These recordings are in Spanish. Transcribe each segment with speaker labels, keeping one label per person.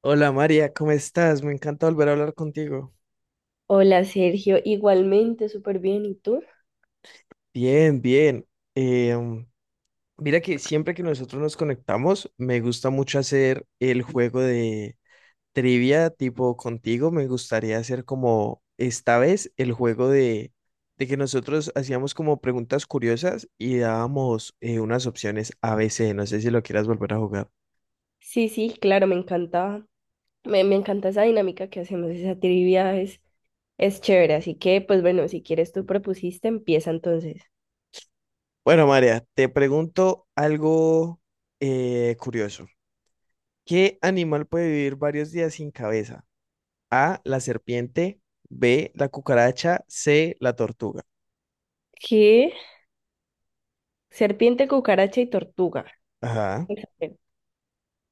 Speaker 1: Hola María, ¿cómo estás? Me encanta volver a hablar contigo.
Speaker 2: Hola Sergio, igualmente, súper bien. ¿Y tú?
Speaker 1: Bien, bien. Eh, Mira que siempre que nosotros nos conectamos, me gusta mucho hacer el juego de trivia tipo contigo. Me gustaría hacer como esta vez el juego de que nosotros hacíamos como preguntas curiosas y dábamos unas opciones a ABC. No sé si lo quieras volver a jugar.
Speaker 2: Sí, sí, claro, me encanta, me encanta esa dinámica que hacemos, esa trivia es chévere. Así que, pues bueno, si quieres tú propusiste, empieza entonces.
Speaker 1: Bueno, María, te pregunto algo curioso. ¿Qué animal puede vivir varios días sin cabeza? A, la serpiente, B, la cucaracha, C, la tortuga.
Speaker 2: ¿Qué? Serpiente, cucaracha y tortuga.
Speaker 1: Ajá,
Speaker 2: Exacto.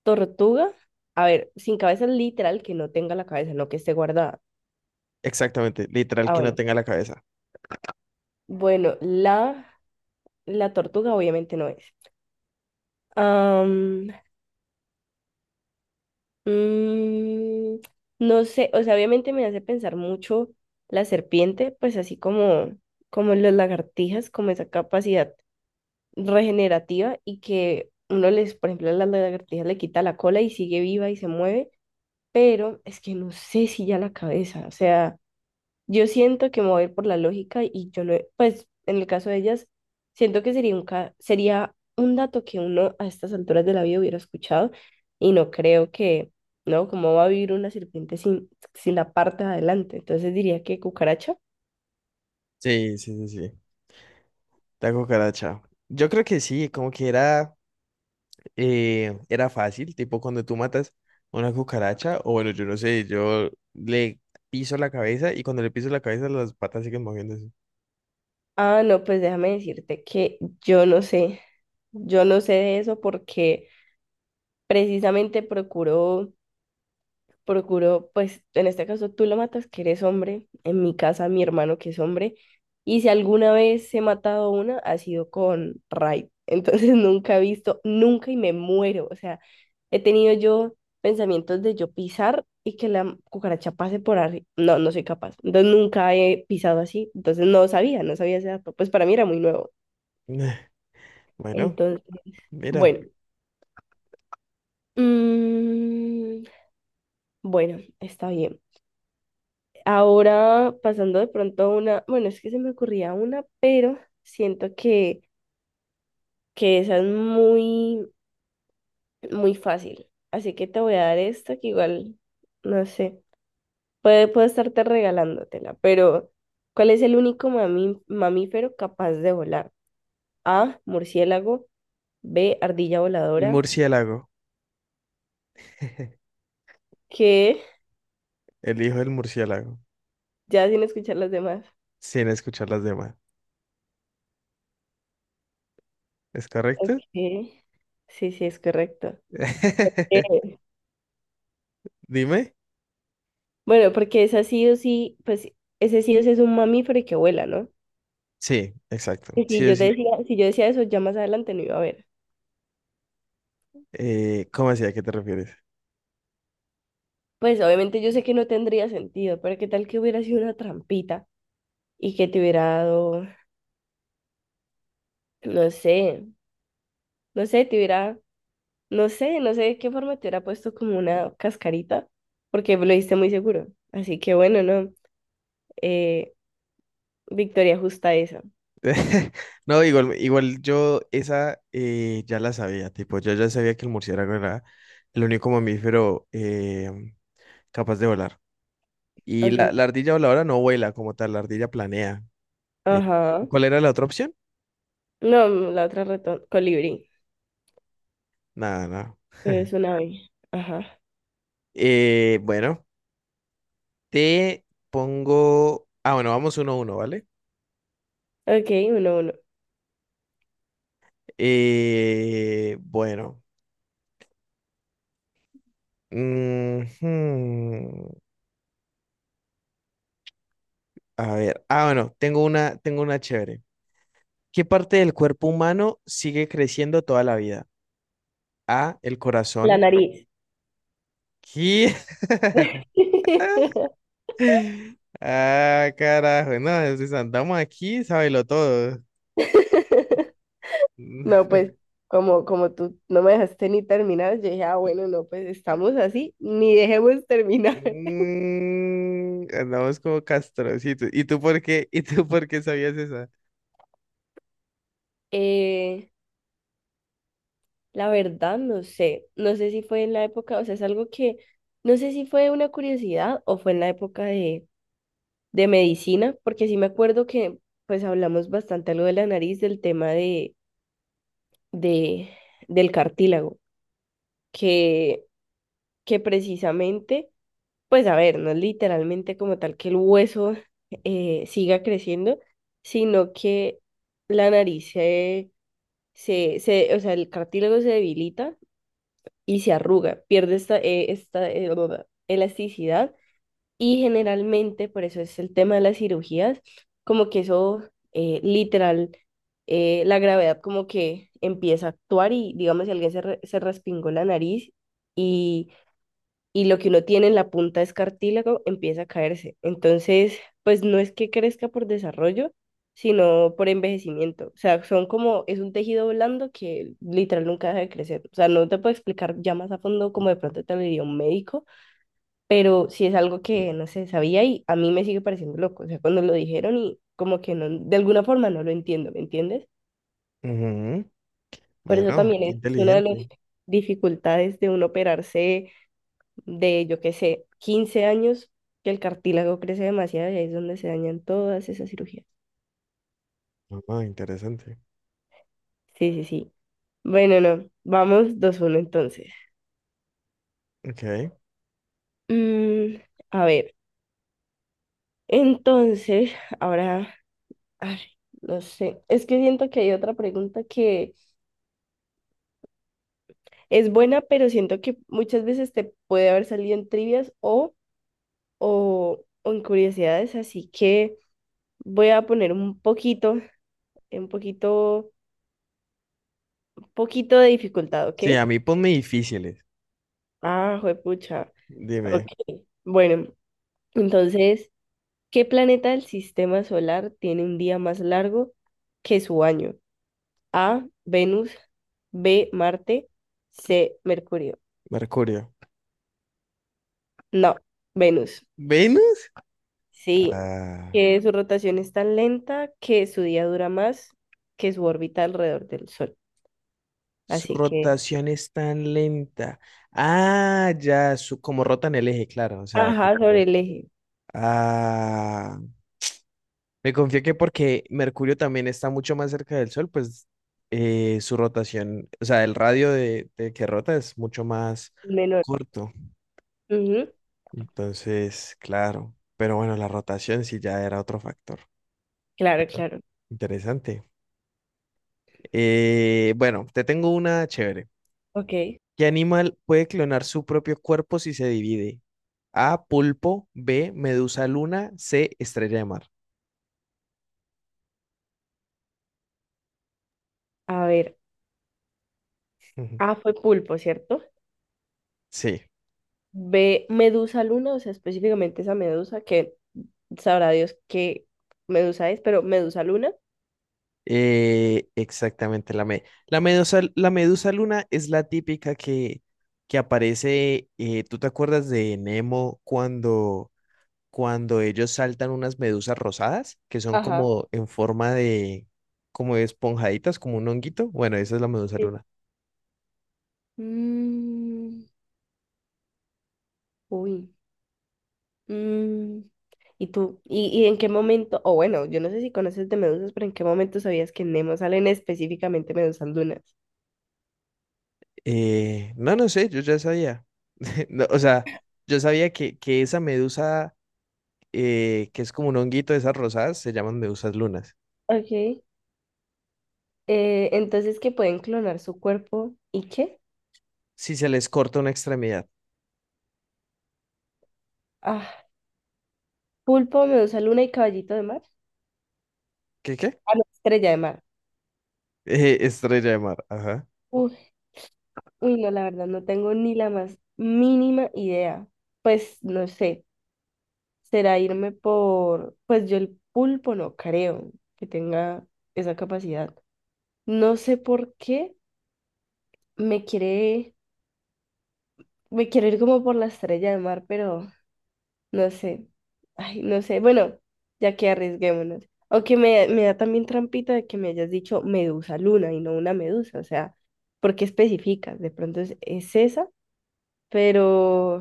Speaker 2: Tortuga, a ver, sin cabeza literal, que no tenga la cabeza, no que esté guardada.
Speaker 1: exactamente, literal
Speaker 2: Ah,
Speaker 1: que no
Speaker 2: bueno.
Speaker 1: tenga la cabeza.
Speaker 2: Bueno, la tortuga obviamente no es. Am, Mm, no sé, o sea, obviamente me hace pensar mucho la serpiente, pues así como, como las lagartijas, como esa capacidad regenerativa y que uno les, por ejemplo, a las lagartijas le quita la cola y sigue viva y se mueve, pero es que no sé si ya la cabeza, o sea... Yo siento que me voy a ir por la lógica y yo no, pues en el caso de ellas, siento que sería un, sería un dato que uno a estas alturas de la vida hubiera escuchado y no creo que, ¿no? ¿Cómo va a vivir una serpiente sin, sin la parte de adelante? Entonces diría que cucaracha.
Speaker 1: Sí, sí, sí, sí, la cucaracha. Yo creo que sí, como que era, era fácil, tipo cuando tú matas una cucaracha, o bueno, yo no sé, yo le piso la cabeza y cuando le piso la cabeza las patas siguen moviéndose.
Speaker 2: Ah, no, pues déjame decirte que yo no sé, yo no sé de eso porque precisamente procuro, pues en este caso tú lo matas, que eres hombre, en mi casa mi hermano que es hombre, y si alguna vez he matado una, ha sido con Raid. Entonces nunca he visto, nunca y me muero. O sea, he tenido yo pensamientos de yo pisar y que la cucaracha pase por arriba. No, no soy capaz. Entonces nunca he pisado así. Entonces no sabía, no sabía ese dato. Pues para mí era muy nuevo.
Speaker 1: Bueno,
Speaker 2: Entonces,
Speaker 1: mira,
Speaker 2: bueno. Mm, bueno, está bien. Ahora, pasando de pronto a una, bueno, es que se me ocurría una, pero siento que esa es muy, muy fácil. Así que te voy a dar esta que igual, no sé, puedo estarte regalándotela, pero ¿cuál es el único mamífero capaz de volar? A, murciélago, B, ardilla
Speaker 1: el
Speaker 2: voladora,
Speaker 1: murciélago.
Speaker 2: que
Speaker 1: El hijo del murciélago,
Speaker 2: ya sin escuchar las demás.
Speaker 1: sin escuchar las demás. ¿Es
Speaker 2: Ok,
Speaker 1: correcto?
Speaker 2: sí, sí, es correcto.
Speaker 1: Dime.
Speaker 2: Bueno, porque esa sí o sí, pues ese sí o sí es un mamífero y que vuela, ¿no?
Speaker 1: Sí, exacto.
Speaker 2: Y
Speaker 1: Sí, sí.
Speaker 2: si yo decía eso, ya más adelante no iba a haber.
Speaker 1: ¿Cómo así? ¿A qué te refieres?
Speaker 2: Pues obviamente yo sé que no tendría sentido, pero qué tal que hubiera sido una trampita y que te hubiera dado, no sé, no sé, te hubiera, no sé, no sé de qué forma te hubiera puesto como una cascarita, porque lo diste muy seguro. Así que bueno, no, eh, victoria justa esa.
Speaker 1: No, igual, igual yo esa ya la sabía, tipo, yo ya sabía que el murciélago era el único mamífero capaz de volar. Y
Speaker 2: Ok,
Speaker 1: la ardilla voladora no vuela como tal, la ardilla planea. Eh,
Speaker 2: ajá.
Speaker 1: ¿Cuál era la otra opción?
Speaker 2: No, la otra ratón, colibrí,
Speaker 1: Nada, nada.
Speaker 2: es una ave. Ajá.
Speaker 1: Bueno, te pongo... Ah, bueno, vamos uno a uno, ¿vale?
Speaker 2: Ok, 1-1.
Speaker 1: Bueno. Ujú. A ver, ah, bueno, tengo una chévere. ¿Qué parte del cuerpo humano sigue creciendo toda la vida? A, el
Speaker 2: La
Speaker 1: corazón.
Speaker 2: nariz.
Speaker 1: ¿Qué? Ah, carajo, no, si andamos aquí, sábelo todo.
Speaker 2: No, pues como, como tú no me dejaste ni terminar, yo dije, ah, bueno, no, pues estamos así, ni dejemos terminar.
Speaker 1: Mm, andamos como castrocitos. ¿Y tú por qué? ¿Y tú por qué sabías esa?
Speaker 2: Eh, la verdad, no sé, no sé si fue en la época, o sea, es algo que, no sé si fue una curiosidad o fue en la época de medicina, porque sí me acuerdo que pues hablamos bastante algo de la nariz, del tema de, del cartílago, que, que precisamente... Pues a ver, no es literalmente como tal que el hueso siga creciendo, sino que la nariz o sea, el cartílago se debilita y se arruga, pierde esta elasticidad y generalmente, por eso es el tema de las cirugías, como que eso literal, la gravedad como que empieza a actuar y digamos si alguien se respingó la nariz y lo que uno tiene en la punta es cartílago empieza a caerse. Entonces, pues no es que crezca por desarrollo, sino por envejecimiento. O sea, son como, es un tejido blando que literal nunca deja de crecer. O sea, no te puedo explicar ya más a fondo como de pronto te lo diría un médico, pero sí es algo que no sé, sabía y a mí me sigue pareciendo loco. O sea, cuando lo dijeron y como que no, de alguna forma no lo entiendo, ¿me entiendes?
Speaker 1: Ujú.
Speaker 2: Por eso
Speaker 1: Bueno,
Speaker 2: también
Speaker 1: qué
Speaker 2: es una de las
Speaker 1: inteligente.
Speaker 2: dificultades de uno operarse de, yo qué sé, 15 años, que el cartílago crece demasiado y ahí es donde se dañan todas esas cirugías.
Speaker 1: Ah, interesante.
Speaker 2: Sí, sí, sí. Bueno, no, vamos 2-1 entonces.
Speaker 1: Ok.
Speaker 2: Mm, a ver, entonces, ahora, ay, no sé, es que siento que hay otra pregunta que es buena, pero siento que muchas veces te puede haber salido en trivias o en curiosidades, así que voy a poner un poquito, un poquito, un poquito de dificultad, ¿ok?
Speaker 1: Sí, a mí ponme difíciles.
Speaker 2: Ah, juepucha. Ok.
Speaker 1: Dime,
Speaker 2: Bueno, entonces, ¿qué planeta del sistema solar tiene un día más largo que su año? A, Venus, B, Marte, C, Mercurio.
Speaker 1: Mercurio.
Speaker 2: No, Venus.
Speaker 1: ¿Ven?
Speaker 2: Sí,
Speaker 1: Ah,
Speaker 2: que su rotación es tan lenta que su día dura más que su órbita alrededor del Sol.
Speaker 1: su
Speaker 2: Así que,
Speaker 1: rotación es tan lenta. Ah, ya, su, como rotan el eje, claro. O sea,
Speaker 2: ajá, sobre
Speaker 1: tipo,
Speaker 2: el eje
Speaker 1: ah, me confío que porque Mercurio también está mucho más cerca del Sol, pues su rotación, o sea, el radio de que rota es mucho más
Speaker 2: menor.
Speaker 1: corto.
Speaker 2: Ujú,
Speaker 1: Entonces, claro. Pero bueno, la rotación sí ya era otro factor.
Speaker 2: claro, claro.
Speaker 1: Interesante. Bueno, te tengo una chévere.
Speaker 2: Ok.
Speaker 1: ¿Qué animal puede clonar su propio cuerpo si se divide? A, pulpo, B, medusa luna, C, estrella de mar.
Speaker 2: A ver,
Speaker 1: Ujú.
Speaker 2: A fue pulpo, ¿cierto?
Speaker 1: Sí,
Speaker 2: Ve Medusa Luna, o sea, específicamente esa medusa, que sabrá Dios qué medusa es, pero Medusa Luna.
Speaker 1: exactamente la medusa, la medusa luna es la típica que aparece, ¿tú te acuerdas de Nemo cuando, cuando ellos saltan unas medusas rosadas que son
Speaker 2: Ajá.
Speaker 1: como en forma de, como de esponjaditas, como un honguito? Bueno, esa es la medusa
Speaker 2: Sí.
Speaker 1: luna.
Speaker 2: Mm, uy. mm, ¿Y tú? Y en qué momento? O bueno, yo no sé si conoces de medusas, pero ¿en qué momento sabías que en Nemo salen específicamente medusas lunas?
Speaker 1: No, no sé, yo ya sabía. No, o sea, yo sabía que esa medusa que es como un honguito de esas rosadas, se llaman medusas lunas.
Speaker 2: Ok. Entonces, ¿que pueden clonar su cuerpo? ¿Y qué?
Speaker 1: Si se les corta una extremidad.
Speaker 2: Ah, pulpo, medusa luna y caballito de mar.
Speaker 1: ¿Qué qué?
Speaker 2: Ah, no, estrella de mar.
Speaker 1: Estrella de mar, ajá.
Speaker 2: Uy, no, la verdad, no tengo ni la más mínima idea. Pues no sé, será irme por, pues yo el pulpo no creo que tenga esa capacidad. No sé por qué me quiere, me quiero ir como por la estrella de mar, pero no sé. Ay, no sé. Bueno, ya que arriesguémonos. O que me da también trampita de que me hayas dicho medusa luna y no una medusa. O sea, ¿por qué especificas? De pronto es esa. Pero,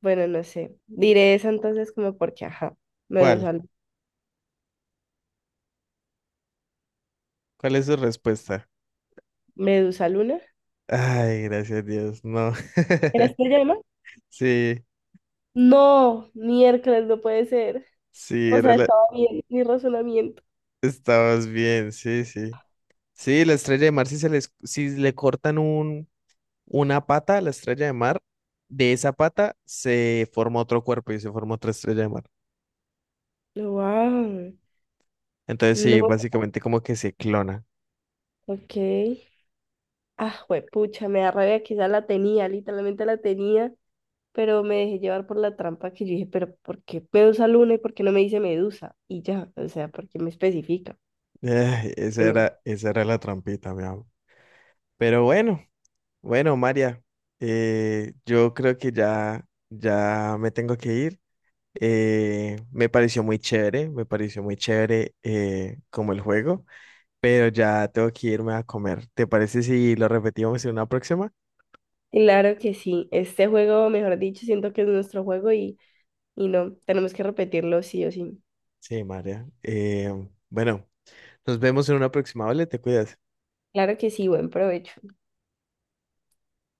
Speaker 2: bueno, no sé. Diré eso entonces como porque, ajá,
Speaker 1: ¿Cuál?
Speaker 2: Medusa,
Speaker 1: ¿Cuál es su respuesta?
Speaker 2: Medusa Luna.
Speaker 1: Ay, gracias a Dios, no.
Speaker 2: ¿Eres que llama?
Speaker 1: Sí,
Speaker 2: No, miércoles no puede ser.
Speaker 1: sí,
Speaker 2: O sea,
Speaker 1: era la...
Speaker 2: estaba bien mi razonamiento.
Speaker 1: Estabas bien, sí, sí. Sí, la estrella de mar, si se les, si le cortan una pata a la estrella de mar, de esa pata se forma otro cuerpo y se forma otra estrella de mar.
Speaker 2: Wow.
Speaker 1: Entonces, sí,
Speaker 2: No,
Speaker 1: básicamente como que se clona.
Speaker 2: ok. Ah, pucha, me da rabia, quizá la tenía, literalmente la tenía, pero me dejé llevar por la trampa que yo dije, pero ¿por qué Medusa Luna y por qué no me dice Medusa? Y ya, o sea, ¿por qué me especifica? Bueno,
Speaker 1: Esa era la trampita, mi amor. Pero bueno, bueno, María, yo creo que ya me tengo que ir. Me pareció muy chévere, me pareció muy chévere como el juego, pero ya tengo que irme a comer. ¿Te parece si lo repetimos en una próxima?
Speaker 2: claro que sí, este juego, mejor dicho, siento que es nuestro juego y... Y no, tenemos que repetirlo sí o sí.
Speaker 1: Sí, María. Bueno, nos vemos en una próxima, ¿vale? Te cuidas.
Speaker 2: Claro que sí, buen provecho.